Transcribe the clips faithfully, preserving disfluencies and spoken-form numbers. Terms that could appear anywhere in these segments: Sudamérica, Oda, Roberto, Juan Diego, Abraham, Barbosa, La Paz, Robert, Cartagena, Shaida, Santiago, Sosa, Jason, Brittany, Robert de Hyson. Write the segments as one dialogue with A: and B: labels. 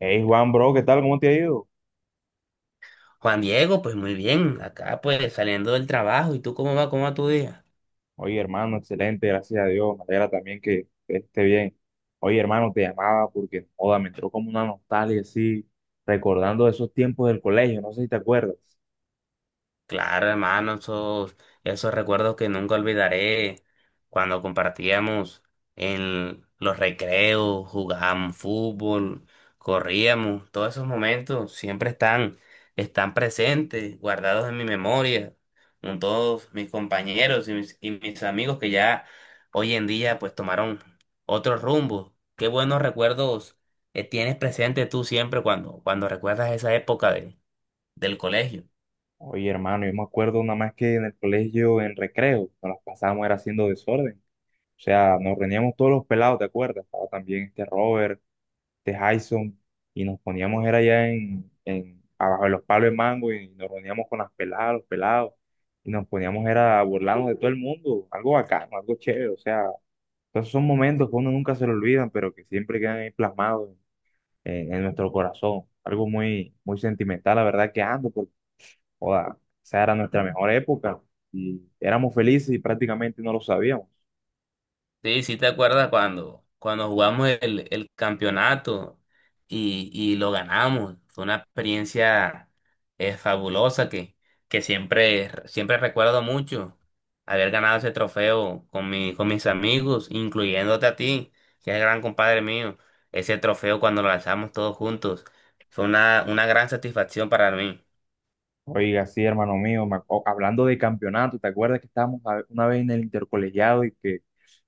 A: Hey Juan, bro, ¿qué tal? ¿Cómo te ha ido?
B: Juan Diego, pues muy bien, acá pues saliendo del trabajo, ¿y tú cómo va, cómo va tu día?
A: Oye, hermano, excelente, gracias a Dios. Me alegra también que que esté bien. Oye, hermano, te llamaba porque, joda, me entró como una nostalgia así, recordando esos tiempos del colegio, no sé si te acuerdas.
B: Claro, hermano, esos, esos recuerdos que nunca olvidaré cuando compartíamos en los recreos, jugábamos fútbol, corríamos, todos esos momentos siempre están, están presentes, guardados en mi memoria, con todos mis compañeros y mis, y mis amigos que ya hoy en día pues tomaron otro rumbo. Qué buenos recuerdos eh, tienes presente tú siempre cuando, cuando recuerdas esa época de, del colegio.
A: Oye, hermano, yo me acuerdo nada más que en el colegio, en recreo, nos las pasábamos era haciendo desorden. O sea, nos reuníamos todos los pelados, ¿te acuerdas? Estaba también este Robert de Hyson, y nos poníamos, era allá en, en- abajo de los palos de mango, y nos reuníamos con las peladas, los pelados, y nos poníamos, era a burlarnos de todo el mundo, algo bacano, algo chévere, o sea, esos son momentos que uno nunca se lo olvidan, pero que siempre quedan ahí plasmados en, en nuestro corazón, algo muy, muy sentimental, la verdad que ando, porque, joda, esa era nuestra mejor época, y éramos felices y prácticamente no lo sabíamos.
B: Sí, sí te acuerdas cuando, cuando jugamos el, el campeonato y, y lo ganamos. Fue una experiencia eh, fabulosa que, que siempre, siempre recuerdo mucho haber ganado ese trofeo con mi, con mis amigos, incluyéndote a ti, que es gran compadre mío. Ese trofeo cuando lo lanzamos todos juntos fue una, una gran satisfacción para mí.
A: Oiga, sí, hermano mío, me acu- hablando de campeonato, ¿te acuerdas que estábamos a- una vez en el intercolegiado y que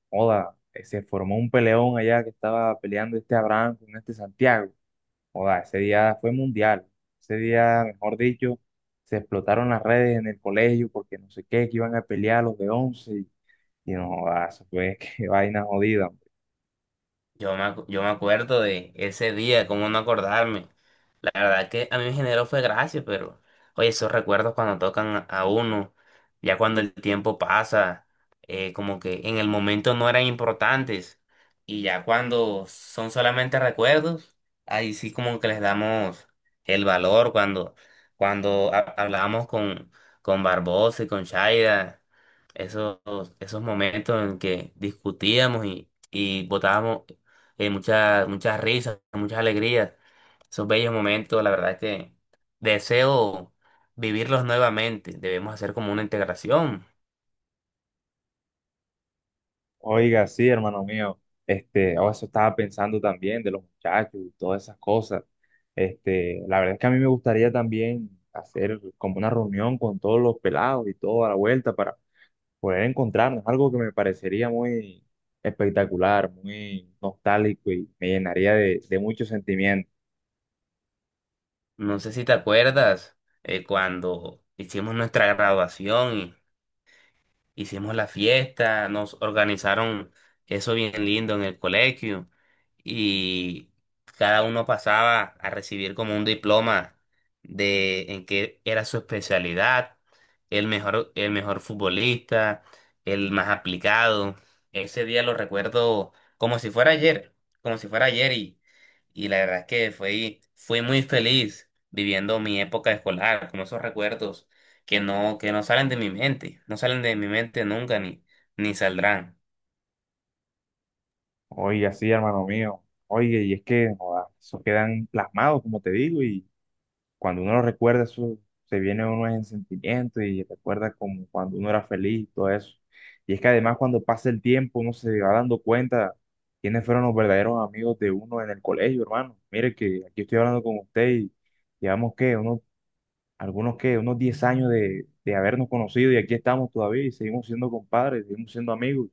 A: Oda, eh, se formó un peleón allá que estaba peleando este Abraham con este Santiago. Oda, ese día fue mundial. Ese día, mejor dicho, se explotaron las redes en el colegio porque no sé qué, que iban a pelear los de once Y, y no, joda, eso fue qué vaina jodida, hombre.
B: Yo me, acu- yo me acuerdo de ese día, cómo no acordarme. La verdad que a mí me generó fue gracia, pero oye, esos recuerdos cuando tocan a uno, ya cuando el tiempo pasa, eh, como que en el momento no eran importantes y ya cuando son solamente recuerdos, ahí sí como que les damos el valor cuando, cuando ha- hablábamos con, con Barbosa y con Shaida, esos, esos momentos en que discutíamos y, y botábamos eh, muchas, muchas risas, muchas alegrías. Esos bellos momentos, la verdad que deseo vivirlos nuevamente. Debemos hacer como una integración.
A: Oiga, sí, hermano mío. Este, oh, eso estaba pensando también de los muchachos y todas esas cosas. Este, la verdad es que a mí me gustaría también hacer como una reunión con todos los pelados y toda la vuelta para poder encontrarnos, algo que me parecería muy espectacular, muy nostálgico y me llenaría de, de mucho sentimiento.
B: No sé si te acuerdas eh, cuando hicimos nuestra graduación. Hicimos la fiesta, nos organizaron eso bien lindo en el colegio y cada uno pasaba a recibir como un diploma de en qué era su especialidad, el mejor, el mejor futbolista, el más aplicado. Ese día lo recuerdo como si fuera ayer, como si fuera ayer y, y la verdad es que fui, fui muy feliz viviendo mi época escolar, como esos recuerdos que no, que no salen de mi mente, no salen de mi mente nunca ni, ni saldrán.
A: Oye, así, hermano mío, oye, y es que joda, eso quedan plasmados, como te digo, y cuando uno lo recuerda, eso se viene a uno en sentimiento y recuerda como cuando uno era feliz y todo eso. Y es que además cuando pasa el tiempo, uno se va dando cuenta quiénes fueron los verdaderos amigos de uno en el colegio, hermano. Mire que aquí estoy hablando con usted y llevamos, que Unos algunos que unos diez años de, de habernos conocido y aquí estamos todavía y seguimos siendo compadres, seguimos siendo amigos.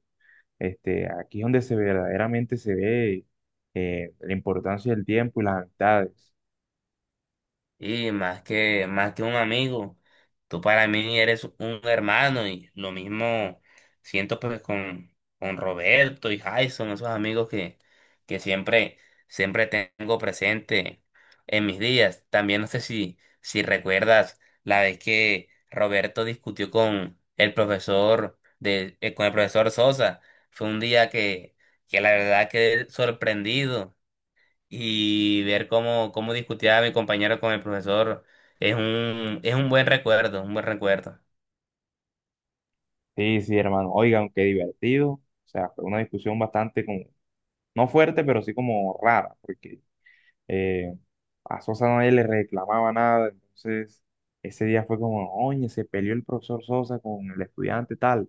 A: Este, aquí es donde se verdaderamente se ve eh, la importancia del tiempo y las amistades.
B: Y más que, más que un amigo, tú para mí eres un hermano y lo mismo siento pues con, con Roberto y Jason, esos amigos que, que siempre, siempre tengo presente en mis días. También no sé si, si recuerdas la vez que Roberto discutió con el profesor de, eh, con el profesor Sosa. Fue un día que, que la verdad quedé sorprendido y ver cómo, cómo discutía mi compañero con el profesor es un, es un buen recuerdo, un buen recuerdo.
A: Sí, sí, hermano. Oigan, qué divertido. O sea, fue una discusión bastante como, no fuerte, pero sí como rara, porque eh, a Sosa nadie le reclamaba nada. Entonces, ese día fue como, oye, se peleó el profesor Sosa con el estudiante tal.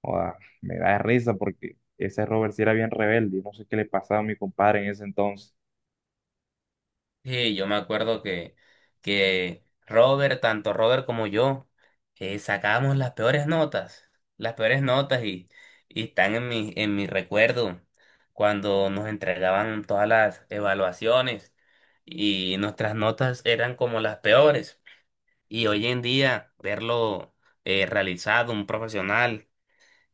A: Joda, me da risa porque ese Robert sí era bien rebelde y no sé qué le pasaba a mi compadre en ese entonces.
B: Sí, yo me acuerdo que, que Robert, tanto Robert como yo, eh, sacábamos las peores notas, las peores notas y, y están en mi, en mi recuerdo cuando nos entregaban todas las evaluaciones y nuestras notas eran como las peores. Y hoy en día verlo eh, realizado, un profesional,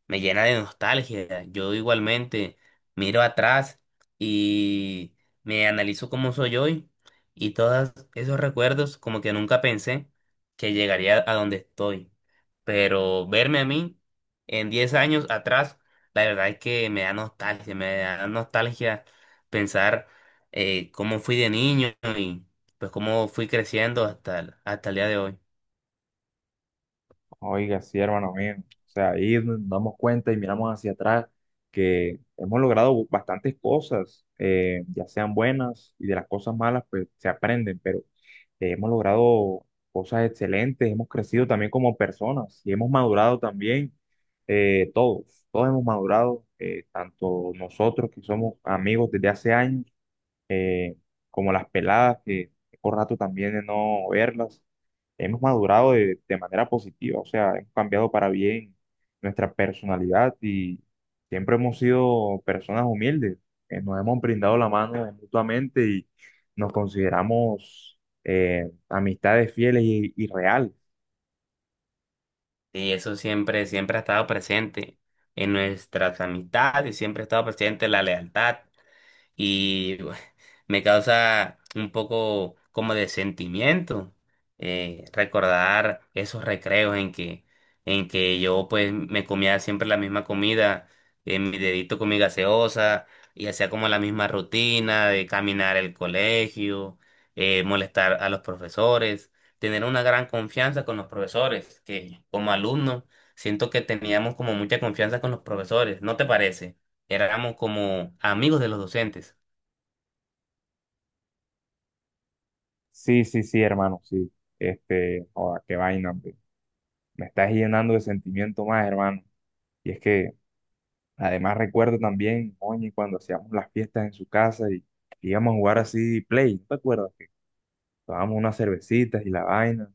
B: me llena de nostalgia. Yo igualmente miro atrás y me analizo cómo soy hoy y todos esos recuerdos como que nunca pensé que llegaría a donde estoy. Pero verme a mí en diez años atrás, la verdad es que me da nostalgia, me da nostalgia pensar eh, cómo fui de niño y pues cómo fui creciendo hasta, el- hasta el día de hoy.
A: Oiga, sí, hermano mío. O sea, ahí nos damos cuenta y miramos hacia atrás que hemos logrado bastantes cosas, eh, ya sean buenas y de las cosas malas, pues se aprenden, pero eh, hemos logrado cosas excelentes, hemos crecido también como personas y hemos madurado también eh, todos, todos hemos madurado, eh, tanto nosotros que somos amigos desde hace años eh, como las peladas, que tengo rato también de no verlas. Hemos madurado de, de manera positiva, o sea, hemos cambiado para bien nuestra personalidad y siempre hemos sido personas humildes, que nos hemos brindado la mano mutuamente y nos consideramos eh, amistades fieles y, y reales.
B: Y eso siempre, siempre ha estado presente en nuestras amistades, siempre ha estado presente la lealtad y bueno, me causa un poco como de sentimiento eh, recordar esos recreos en que, en que yo pues me comía siempre la misma comida, eh, mi dedito con mi gaseosa y hacía como la misma rutina de caminar el colegio, eh, molestar a los profesores, tener una gran confianza con los profesores, que como alumno siento que teníamos como mucha confianza con los profesores, ¿no te parece? Éramos como amigos de los docentes.
A: Sí, sí, sí, hermano, sí. Este, joda, qué vaina, hombre. Me estás llenando de sentimiento más, hermano. Y es que además, recuerdo también, oye, cuando hacíamos las fiestas en su casa y íbamos a jugar así play, ¿no te acuerdas? Que tomábamos unas cervecitas y la vaina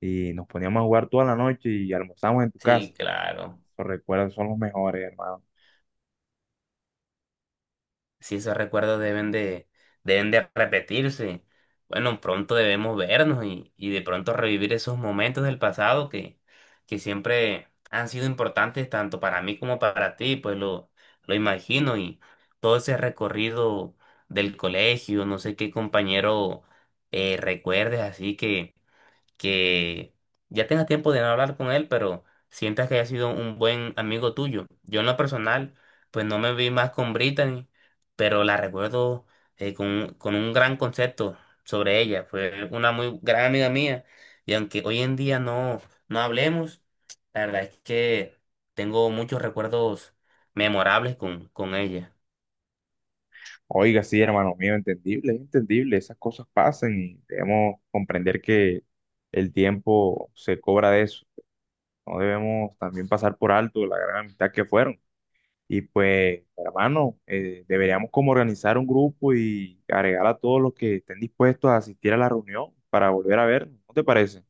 A: y nos poníamos a jugar toda la noche y almorzamos en tu
B: Sí,
A: casa.
B: claro.
A: Los recuerdos son los mejores, hermano.
B: Si esos recuerdos deben de, deben de repetirse. Bueno, pronto debemos vernos y, y de pronto revivir esos momentos del pasado que, que siempre han sido importantes tanto para mí como para ti, pues lo, lo imagino y todo ese recorrido del colegio, no sé qué compañero eh, recuerdes, así que que ya tengas tiempo de no hablar con él, pero sientas que haya sido un buen amigo tuyo. Yo en lo personal, pues no me vi más con Brittany, pero la recuerdo eh, con, un- con un gran concepto sobre ella. Fue una muy gran amiga mía y aunque hoy en día no, no hablemos, la verdad es que tengo muchos recuerdos memorables con, con ella.
A: Oiga, sí, hermano mío, entendible, es entendible, esas cosas pasan y debemos comprender que el tiempo se cobra de eso. No debemos también pasar por alto la gran amistad que fueron. Y pues, hermano, eh, deberíamos como organizar un grupo y agregar a todos los que estén dispuestos a asistir a la reunión para volver a ver, ¿no te parece?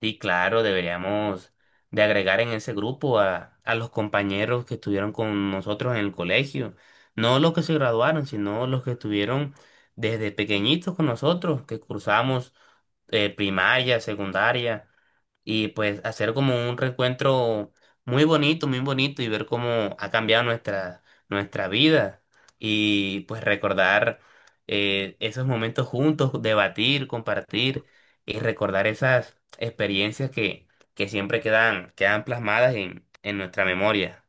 B: Sí, claro, deberíamos de agregar en ese grupo a, a los compañeros que estuvieron con nosotros en el colegio. No los que se graduaron, sino los que estuvieron desde pequeñitos con nosotros, que cursamos eh, primaria, secundaria y pues hacer como un reencuentro muy bonito, muy bonito y ver cómo ha cambiado nuestra, nuestra vida y pues recordar eh, esos momentos juntos, debatir, compartir y recordar esas experiencias que, que siempre quedan, quedan plasmadas en, en nuestra memoria.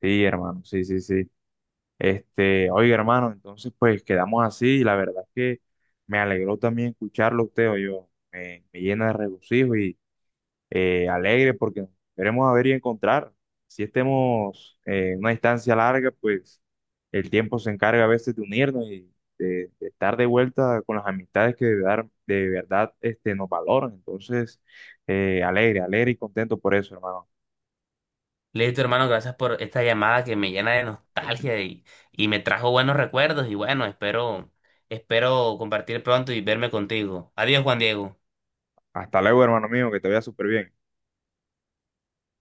A: Sí, hermano, sí, sí, sí. Este, oiga, hermano, entonces pues quedamos así y la verdad es que me alegró también escucharlo a usted, o yo me, me llena de regocijo y eh, alegre porque nos veremos a ver y encontrar. Si estemos eh, en una distancia larga, pues el tiempo se encarga a veces de unirnos y de, de estar de vuelta con las amistades que de verdad, de verdad este, nos valoran. Entonces, eh, alegre, alegre y contento por eso, hermano.
B: Listo, hermano, gracias por esta llamada que me llena de nostalgia y, y me trajo buenos recuerdos y bueno, espero, espero compartir pronto y verme contigo. Adiós, Juan Diego.
A: Hasta luego, hermano mío, que te vaya súper bien.